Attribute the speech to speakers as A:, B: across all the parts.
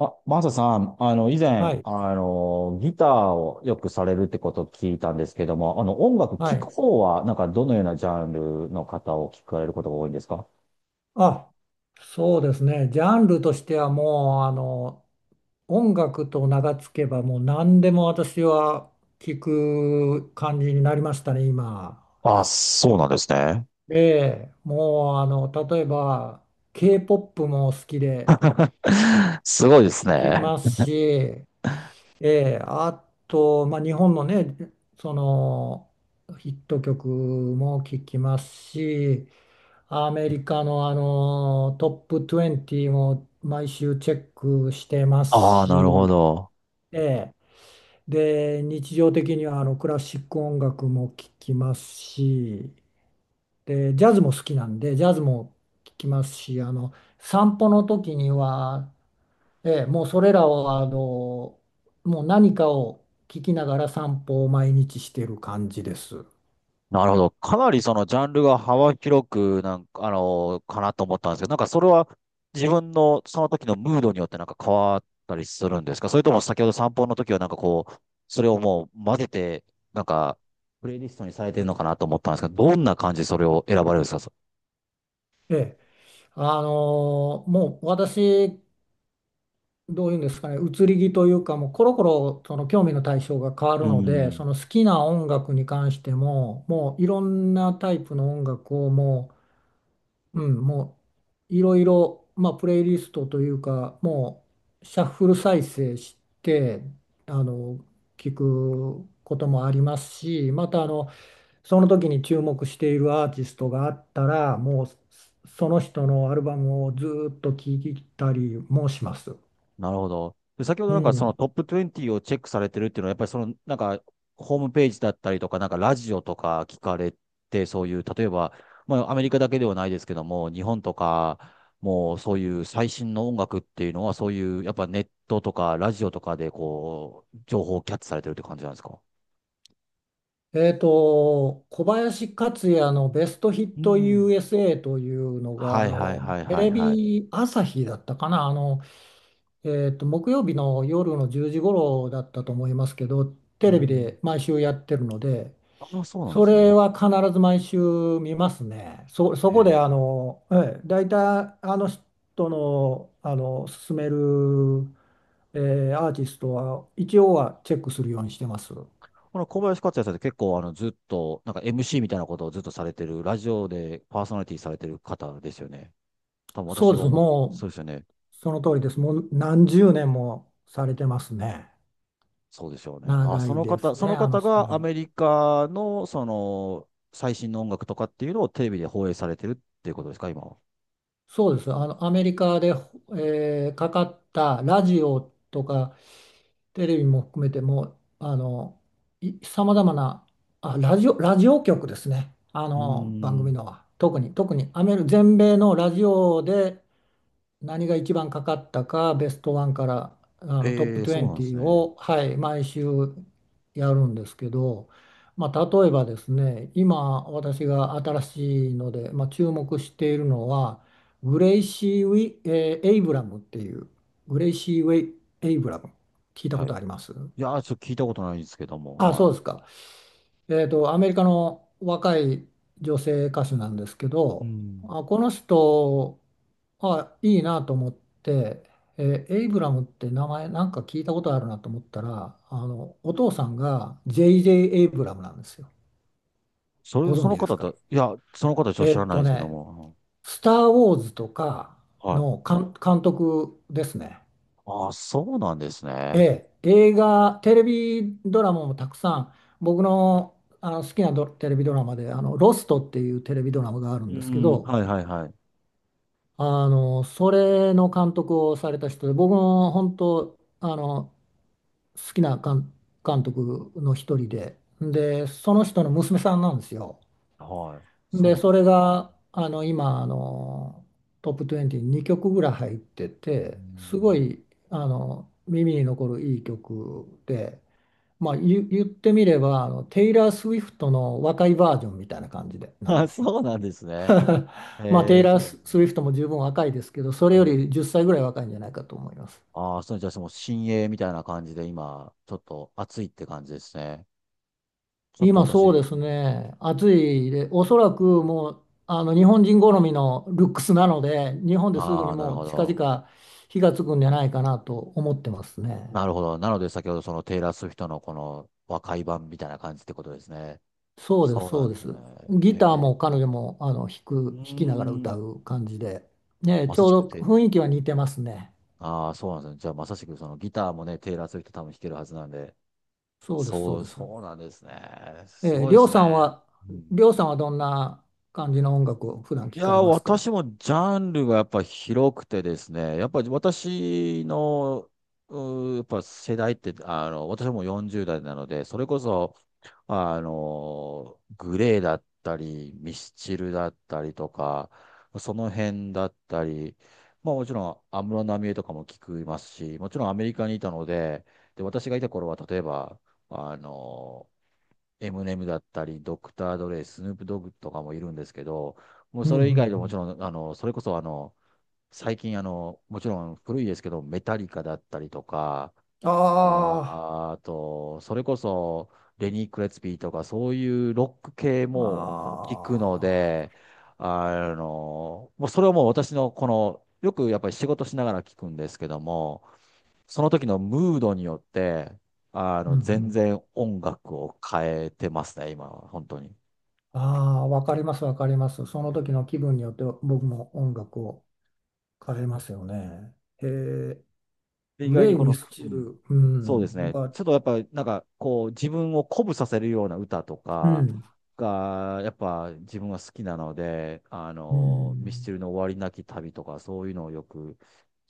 A: あ、マサさん、以前、
B: はい、
A: ギターをよくされるってことを聞いたんですけども、音楽
B: は
A: 聴く
B: い。
A: 方は、どのようなジャンルの方を聞かれることが多いんですか？
B: あ、そうですね。ジャンルとしてはもう、音楽と名が付けば、もう何でも私は聞く感じになりましたね、今。
A: あ、そうなんですね。
B: で、もう、例えば、K-POP も好きで
A: すごいです
B: 聞き
A: ね。
B: ますし、あと、まあ、日本のね、その、ヒット曲も聞きますし、アメリカの、トップ20も毎週チェックしてます
A: ああ、なるほ
B: し、
A: ど。
B: ええで、日常的にはクラシック音楽も聴きますし、で、ジャズも好きなんで、ジャズも聴きますし、散歩の時には、もうそれらをもう何かを聴きながら散歩を毎日してる感じです。
A: なるほど。かなりそのジャンルが幅広くかなと思ったんですけど、なんかそれは自分のその時のムードによってなんか変わったりするんですか？それとも先ほど散歩の時はなんかこう、それをもう混ぜて、なんか、プレイリストにされてるのかなと思ったんですけど、どんな感じでそれを選ばれるんですか？そ
B: ええもう私どういうんですかね、移り気というか、もうコロコロその興味の対象が変わ
A: う
B: るので、
A: ん。
B: その好きな音楽に関しても、もういろんなタイプの音楽をもう、うん、もういろいろ、まあ、プレイリストというか、もうシャッフル再生して、あの、聞くこともありますし、またその時に注目しているアーティストがあったら、もうその人のアルバムをずっと聴いたりもします。
A: なるほど。で、先ほど
B: う
A: なんかその
B: ん。
A: トップ20をチェックされてるっていうのは、やっぱりそのなんかホームページだったりとか、なんかラジオとか聞かれて、そういう、例えば、まあアメリカだけではないですけども、日本とか、もうそういう最新の音楽っていうのは、そういう、やっぱネットとかラジオとかでこう、情報をキャッチされてるって感じなんですか？
B: 小林克也のベストヒッ
A: う
B: ト
A: ん。
B: USA というのが、
A: はいはいはい
B: テ
A: は
B: レ
A: いはい。
B: ビ朝日だったかな、木曜日の夜の10時頃だったと思いますけど、
A: う
B: テレビ
A: ん。
B: で毎週やってるので、
A: ああ、そうなん
B: そ
A: ですね。
B: れは必ず毎週見ますね。そ
A: へ
B: こで、
A: え。
B: 大体、あの人の、勧める、アーティストは、一応はチェックするようにしてます。
A: この小林克也さんって結構あのずっと、なんか MC みたいなことをずっとされてる、ラジオでパーソナリティされてる方ですよね。多分
B: そ
A: 私
B: うで
A: が
B: す。
A: 思っ、そうですよね。
B: その通りです。もう何十年もされてますね。
A: そうでしょうね。あ、
B: 長
A: そ
B: い
A: の
B: で
A: 方、
B: すね、
A: その
B: あの
A: 方
B: 人
A: がア
B: も。
A: メリカのその最新の音楽とかっていうのをテレビで放映されてるっていうことですか、今は？
B: そうです。アメリカで、かかったラジオとかテレビも含めても、さまざまな、ラジオ局ですね。
A: うー
B: 番組
A: ん。
B: のは。特にアメリ、全米のラジオで何が一番かかったか、ベストワンからトップ
A: ええ、そうなんです
B: 20
A: ね。
B: を、はい、毎週やるんですけど、まあ、例えばですね、今私が新しいので、まあ、注目しているのは、グレイシー・ウィ、エイブラムっていう、グレイシー・ウェイ・エイブラム、聞いたこ
A: はい。
B: とあります？
A: いやー、ちょっと聞いたことないんですけども、
B: あ、
A: は
B: そうですか。アメリカの若い女性歌手なんですけ
A: い。う
B: ど、
A: ん。
B: あ、この人、あ、いいなと思って、エイブラムって名前なんか聞いたことあるなと思ったら、お父さんが J.J. エイブラムなんですよ。
A: それ、
B: ご存
A: その
B: 知で
A: 方
B: すか？
A: だ、いや、その方ちょっと
B: え
A: 知
B: ー
A: ら
B: っ
A: ないん
B: と
A: ですけど
B: ね、
A: も、
B: スター・ウォーズとか
A: は
B: の
A: い。
B: 監督ですね。
A: ああ、そうなんです
B: え
A: ね。
B: 映画、テレビドラマもたくさん、僕の、好きなテレビドラマで、ロストっていうテレビドラマがある
A: う
B: ん
A: ー
B: ですけ
A: ん、
B: ど、
A: はいはいはい。
B: それの監督をされた人で、僕も本当、好きな監督の一人で、で、その人の娘さんなんですよ。
A: はい。そう
B: で、
A: なんで
B: そ
A: すね。
B: れが、今、トップ20に2曲ぐらい入って
A: うー
B: て、すご
A: ん。
B: い、耳に残るいい曲で、まあ、言ってみればテイラー・スウィフトの若いバージョンみたいな感じでなん
A: あ、
B: ですよ。
A: そうなんですね。
B: まあテ
A: へ
B: イ
A: え、
B: ラ
A: そ
B: ー・
A: うなん
B: ス
A: です
B: ウ
A: ね。
B: ィフトも十分若いですけどそれ
A: う
B: よ
A: ん。
B: り10歳ぐらい若いんじゃないかと思います。
A: ああ、そう、じゃあその新鋭みたいな感じで今、ちょっと暑いって感じですね。ちょっと
B: 今
A: 私、う
B: そうです
A: ん。
B: ね暑いでおそらくもう日本人好みのルックスなので日本ですぐ
A: あ
B: に
A: あ、なる
B: もう
A: ほ
B: 近
A: ど。
B: 々火がつくんじゃないかなと思ってますね。
A: なるほど。なので先ほどそのテイラー・スウィフトのこの和解版みたいな感じってことですね。
B: そうです
A: そうな
B: そう
A: んで
B: で
A: す
B: す。
A: ね。
B: ギター
A: へ
B: も
A: え。
B: 彼女も
A: うー
B: 弾きながら歌
A: ん。
B: う感じで、ね、
A: ま
B: ち
A: さしく
B: ょうど
A: て、
B: 雰囲気は似てますね。
A: ああ、そうなんですね。じゃあまさしくそのギターもね、テイラー・スウィフト多分弾けるはずなんで、
B: そうです、そう
A: そう、
B: です。
A: そうなんですね。
B: え
A: す
B: ー、
A: ごい
B: り
A: で
B: ょう
A: す
B: さ
A: ね。
B: んは、
A: うん。
B: りょうさんはどんな感じの音楽を普段
A: い
B: 聞
A: やー、
B: かれますか？
A: 私もジャンルがやっぱ広くてですね、やっぱり私の、うー、やっぱ世代って、私も40代なので、それこそ、グレーだったり、ミスチルだったりとか、その辺だったり、まあもちろん安室奈美恵とかも聞きますし、もちろんアメリカにいたので、で、私がいた頃は例えば、あの、エムネムだったり、ドクター・ドレイ、スヌープ・ドッグとかもいるんですけど、もう
B: うんう
A: そ
B: んう
A: れ以外でももち
B: ん、
A: ろん、あの、それこそあの、最近もちろん古いですけど、メタリカだったりとか、
B: あ
A: あ、あと、それこそレニー・クレツピーとか、そういうロック系も聞くの
B: あ、あ
A: で、
B: あ、
A: もうそれはもう私のこの、よくやっぱり仕事しながら聞くんですけども、その時のムードによって、
B: うんう
A: 全
B: ん、
A: 然音楽を変えてますね、今は、本当に。
B: あ、ああ、わかります、わかります。その時の気分によって僕も音楽を変えますよね。へえ、
A: で、意
B: グ
A: 外
B: レ
A: に
B: イ・
A: こ
B: ミ
A: の、
B: ス
A: う
B: チ
A: ん、
B: ル、う
A: そうです
B: ん、
A: ね、
B: は、
A: ちょっとやっぱ、なんか、こう、自分を鼓舞させるような歌と
B: う
A: か
B: ん
A: が、やっぱ自分は好きなので、
B: う
A: ミス
B: ん、
A: チルの終わりなき旅とか、そういうのをよく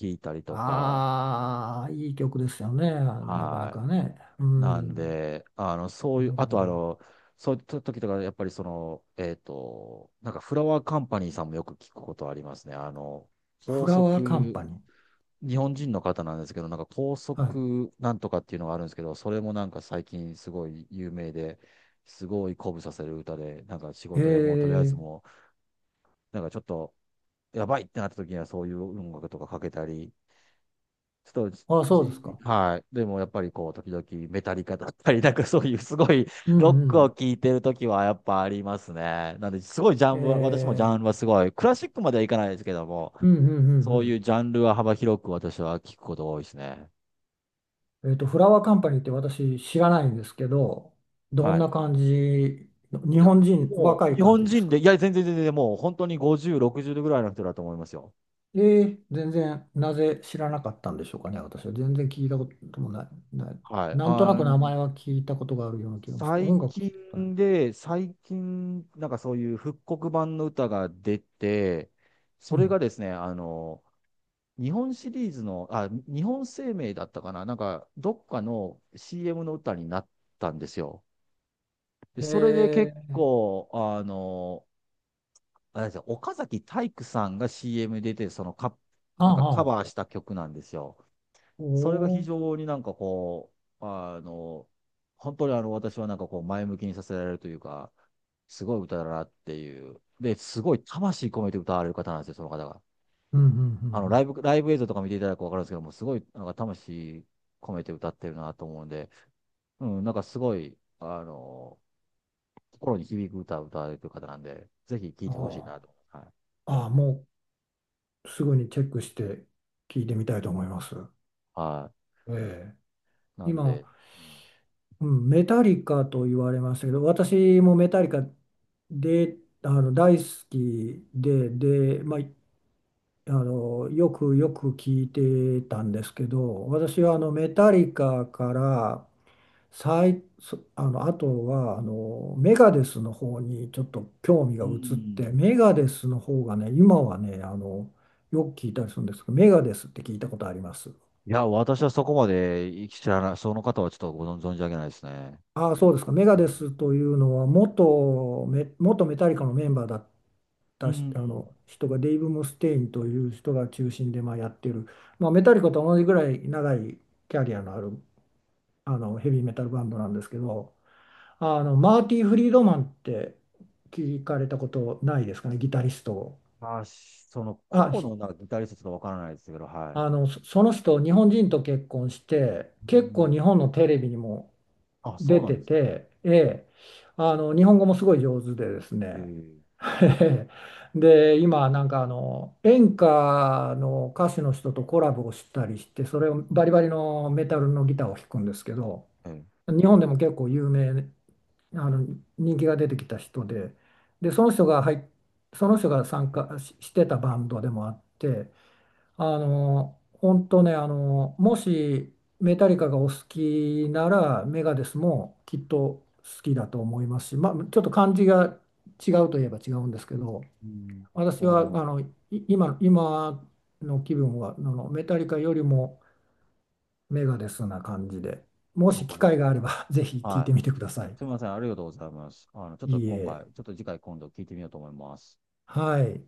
A: 聞いたりとか、
B: ああ、いい曲ですよね、なかな
A: は
B: かね。う
A: い。なん
B: ん、
A: で、あの、そういう、
B: なる
A: あ
B: ほ
A: とあ
B: ど。
A: の、そういう時とか、やっぱりその、なんかフラワーカンパニーさんもよく聞くことありますね。高
B: フラワーカン
A: 速、
B: パニー。
A: 日本人の方なんですけど、なんか高
B: は
A: 速なんとかっていうのがあるんですけど、それもなんか最近すごい有名で、すごい鼓舞させる歌で、なんか仕
B: い。え
A: 事でもうとりあえず
B: え、
A: もう、なんかちょっとやばいってなった時にはそういう音楽とかかけたり、ちょっと
B: あ、そうです
A: じ、
B: か。
A: はい。でもやっぱりこう、時々メタリカだったり、なんかそういうすごい
B: う
A: ロッ
B: んう
A: クを
B: ん。
A: 聴いてる時はやっぱありますね。なんで、すごいジャ
B: え
A: ンルは、私もジ
B: え、
A: ャンルはすごい、クラシックまではいかないですけども、
B: うんうんう
A: そうい
B: ん
A: うジャンルは幅広く私は聞くことが多いですね。
B: うん。フラワーカンパニーって私知らないんですけど、ど
A: は
B: ん
A: い。
B: な感じ、日
A: いや、
B: 本人、
A: も
B: 若
A: う
B: い
A: 日
B: 感
A: 本
B: じです
A: 人で、
B: か？
A: いや、全然全然、もう本当に50、60ぐらいの人だと思いますよ。
B: ええ、全然、なぜ知らなかったんでしょうかね、私は。全然聞いたこともない、ない。
A: はい。
B: なんとなく名前は聞いたことがあるような気がします。
A: 最
B: 音楽聞いたことない。
A: 近で、最近、なんかそういう復刻版の歌が出て、そ
B: う
A: れが
B: ん。
A: ですね、日本シリーズの、あ、日本生命だったかな、なんか、どっかの CM の歌になったんですよ。で、それで結
B: ええ、
A: 構、あれですよ、岡崎体育さんが CM 出て、そのカ、
B: あ
A: なんかカ
B: あ、
A: バーした曲なんですよ。
B: お
A: それが
B: お
A: 非
B: ー。
A: 常になんかこう、本当にあの私はなんかこう前向きにさせられるというか、すごい歌だなっていう。で、すごい魂込めて歌われる方なんですよ、その方が。
B: うんうん
A: ライブ映像とか見ていただくとわかるんですけども、すごいなんか魂込めて歌ってるなと思うんで、うん、なんかすごい、心に響く歌を歌われてる方なんで、ぜひ聴い
B: うん
A: てほ
B: う
A: し
B: ん。
A: いな
B: あ
A: と。はい。
B: あ、ああ、もう。すぐにチェックして聞いてみたいと思います。
A: は
B: え
A: い。な
B: え、
A: ん
B: 今、
A: で、うん
B: うん、メタリカと言われましたけど、私もメタリカで、大好きで、で、まあ、よくよく聞いてたんですけど、私はメタリカから最、そあの、あとはメガデスの方にちょっと興味が
A: う
B: 移っ
A: ん。
B: て、メガデスの方がね、今はね、よく聞いたりするんですけど、メガデスって聞いたことあります？
A: いや、私はそこまで知らない、その方はちょっとご存存じ上げないですね。
B: ああ、そうですか。メガ
A: う
B: デ
A: ん。
B: スというのは元メタリカのメンバーだっ
A: う
B: たしあ
A: ん。
B: の人がデイブ・ムステインという人が中心でまあやってる、まあ、メタリカと同じぐらい長いキャリアのあるヘビーメタルバンドなんですけど、マーティ・フリードマンって聞かれたことないですかね、ギタリストを。
A: まあ、しその
B: あ、
A: 個々
B: ひ
A: のなんかギタリストちょっとわからないですけど、はい。
B: あのそその人、日本人と結婚して、
A: う
B: 結構
A: ん。
B: 日本のテレビにも
A: あ、そ
B: 出
A: うなん
B: て
A: ですね。
B: て、日本語もすごい上手でですね。
A: え
B: で、今なんか演歌の歌手の人とコラボをしたりして、それをバリバリのメタルのギターを弾くんですけど、
A: えええ。
B: 日本でも結構有名、あの人気が出てきた人で、で、その人が入っその人が参加してたバンドでもあって、本当ね、もしメタリカがお好きなら、メガデスもきっと好きだと思いますし、まあ、ちょっと感じが違うといえば違うんですけど、
A: うん。
B: 私
A: わ
B: は
A: かります。
B: 今の気分は、メタリカよりもメガデスな感じで、も
A: わ
B: し
A: か
B: 機
A: りま
B: 会
A: す。
B: があれば ぜひ聞い
A: は
B: て
A: い。
B: みてください。
A: すみません、ありがとうございます。ちょっ
B: い
A: と
B: い
A: 今
B: え。
A: 回、ちょっと次回今度聞いてみようと思います。
B: はい。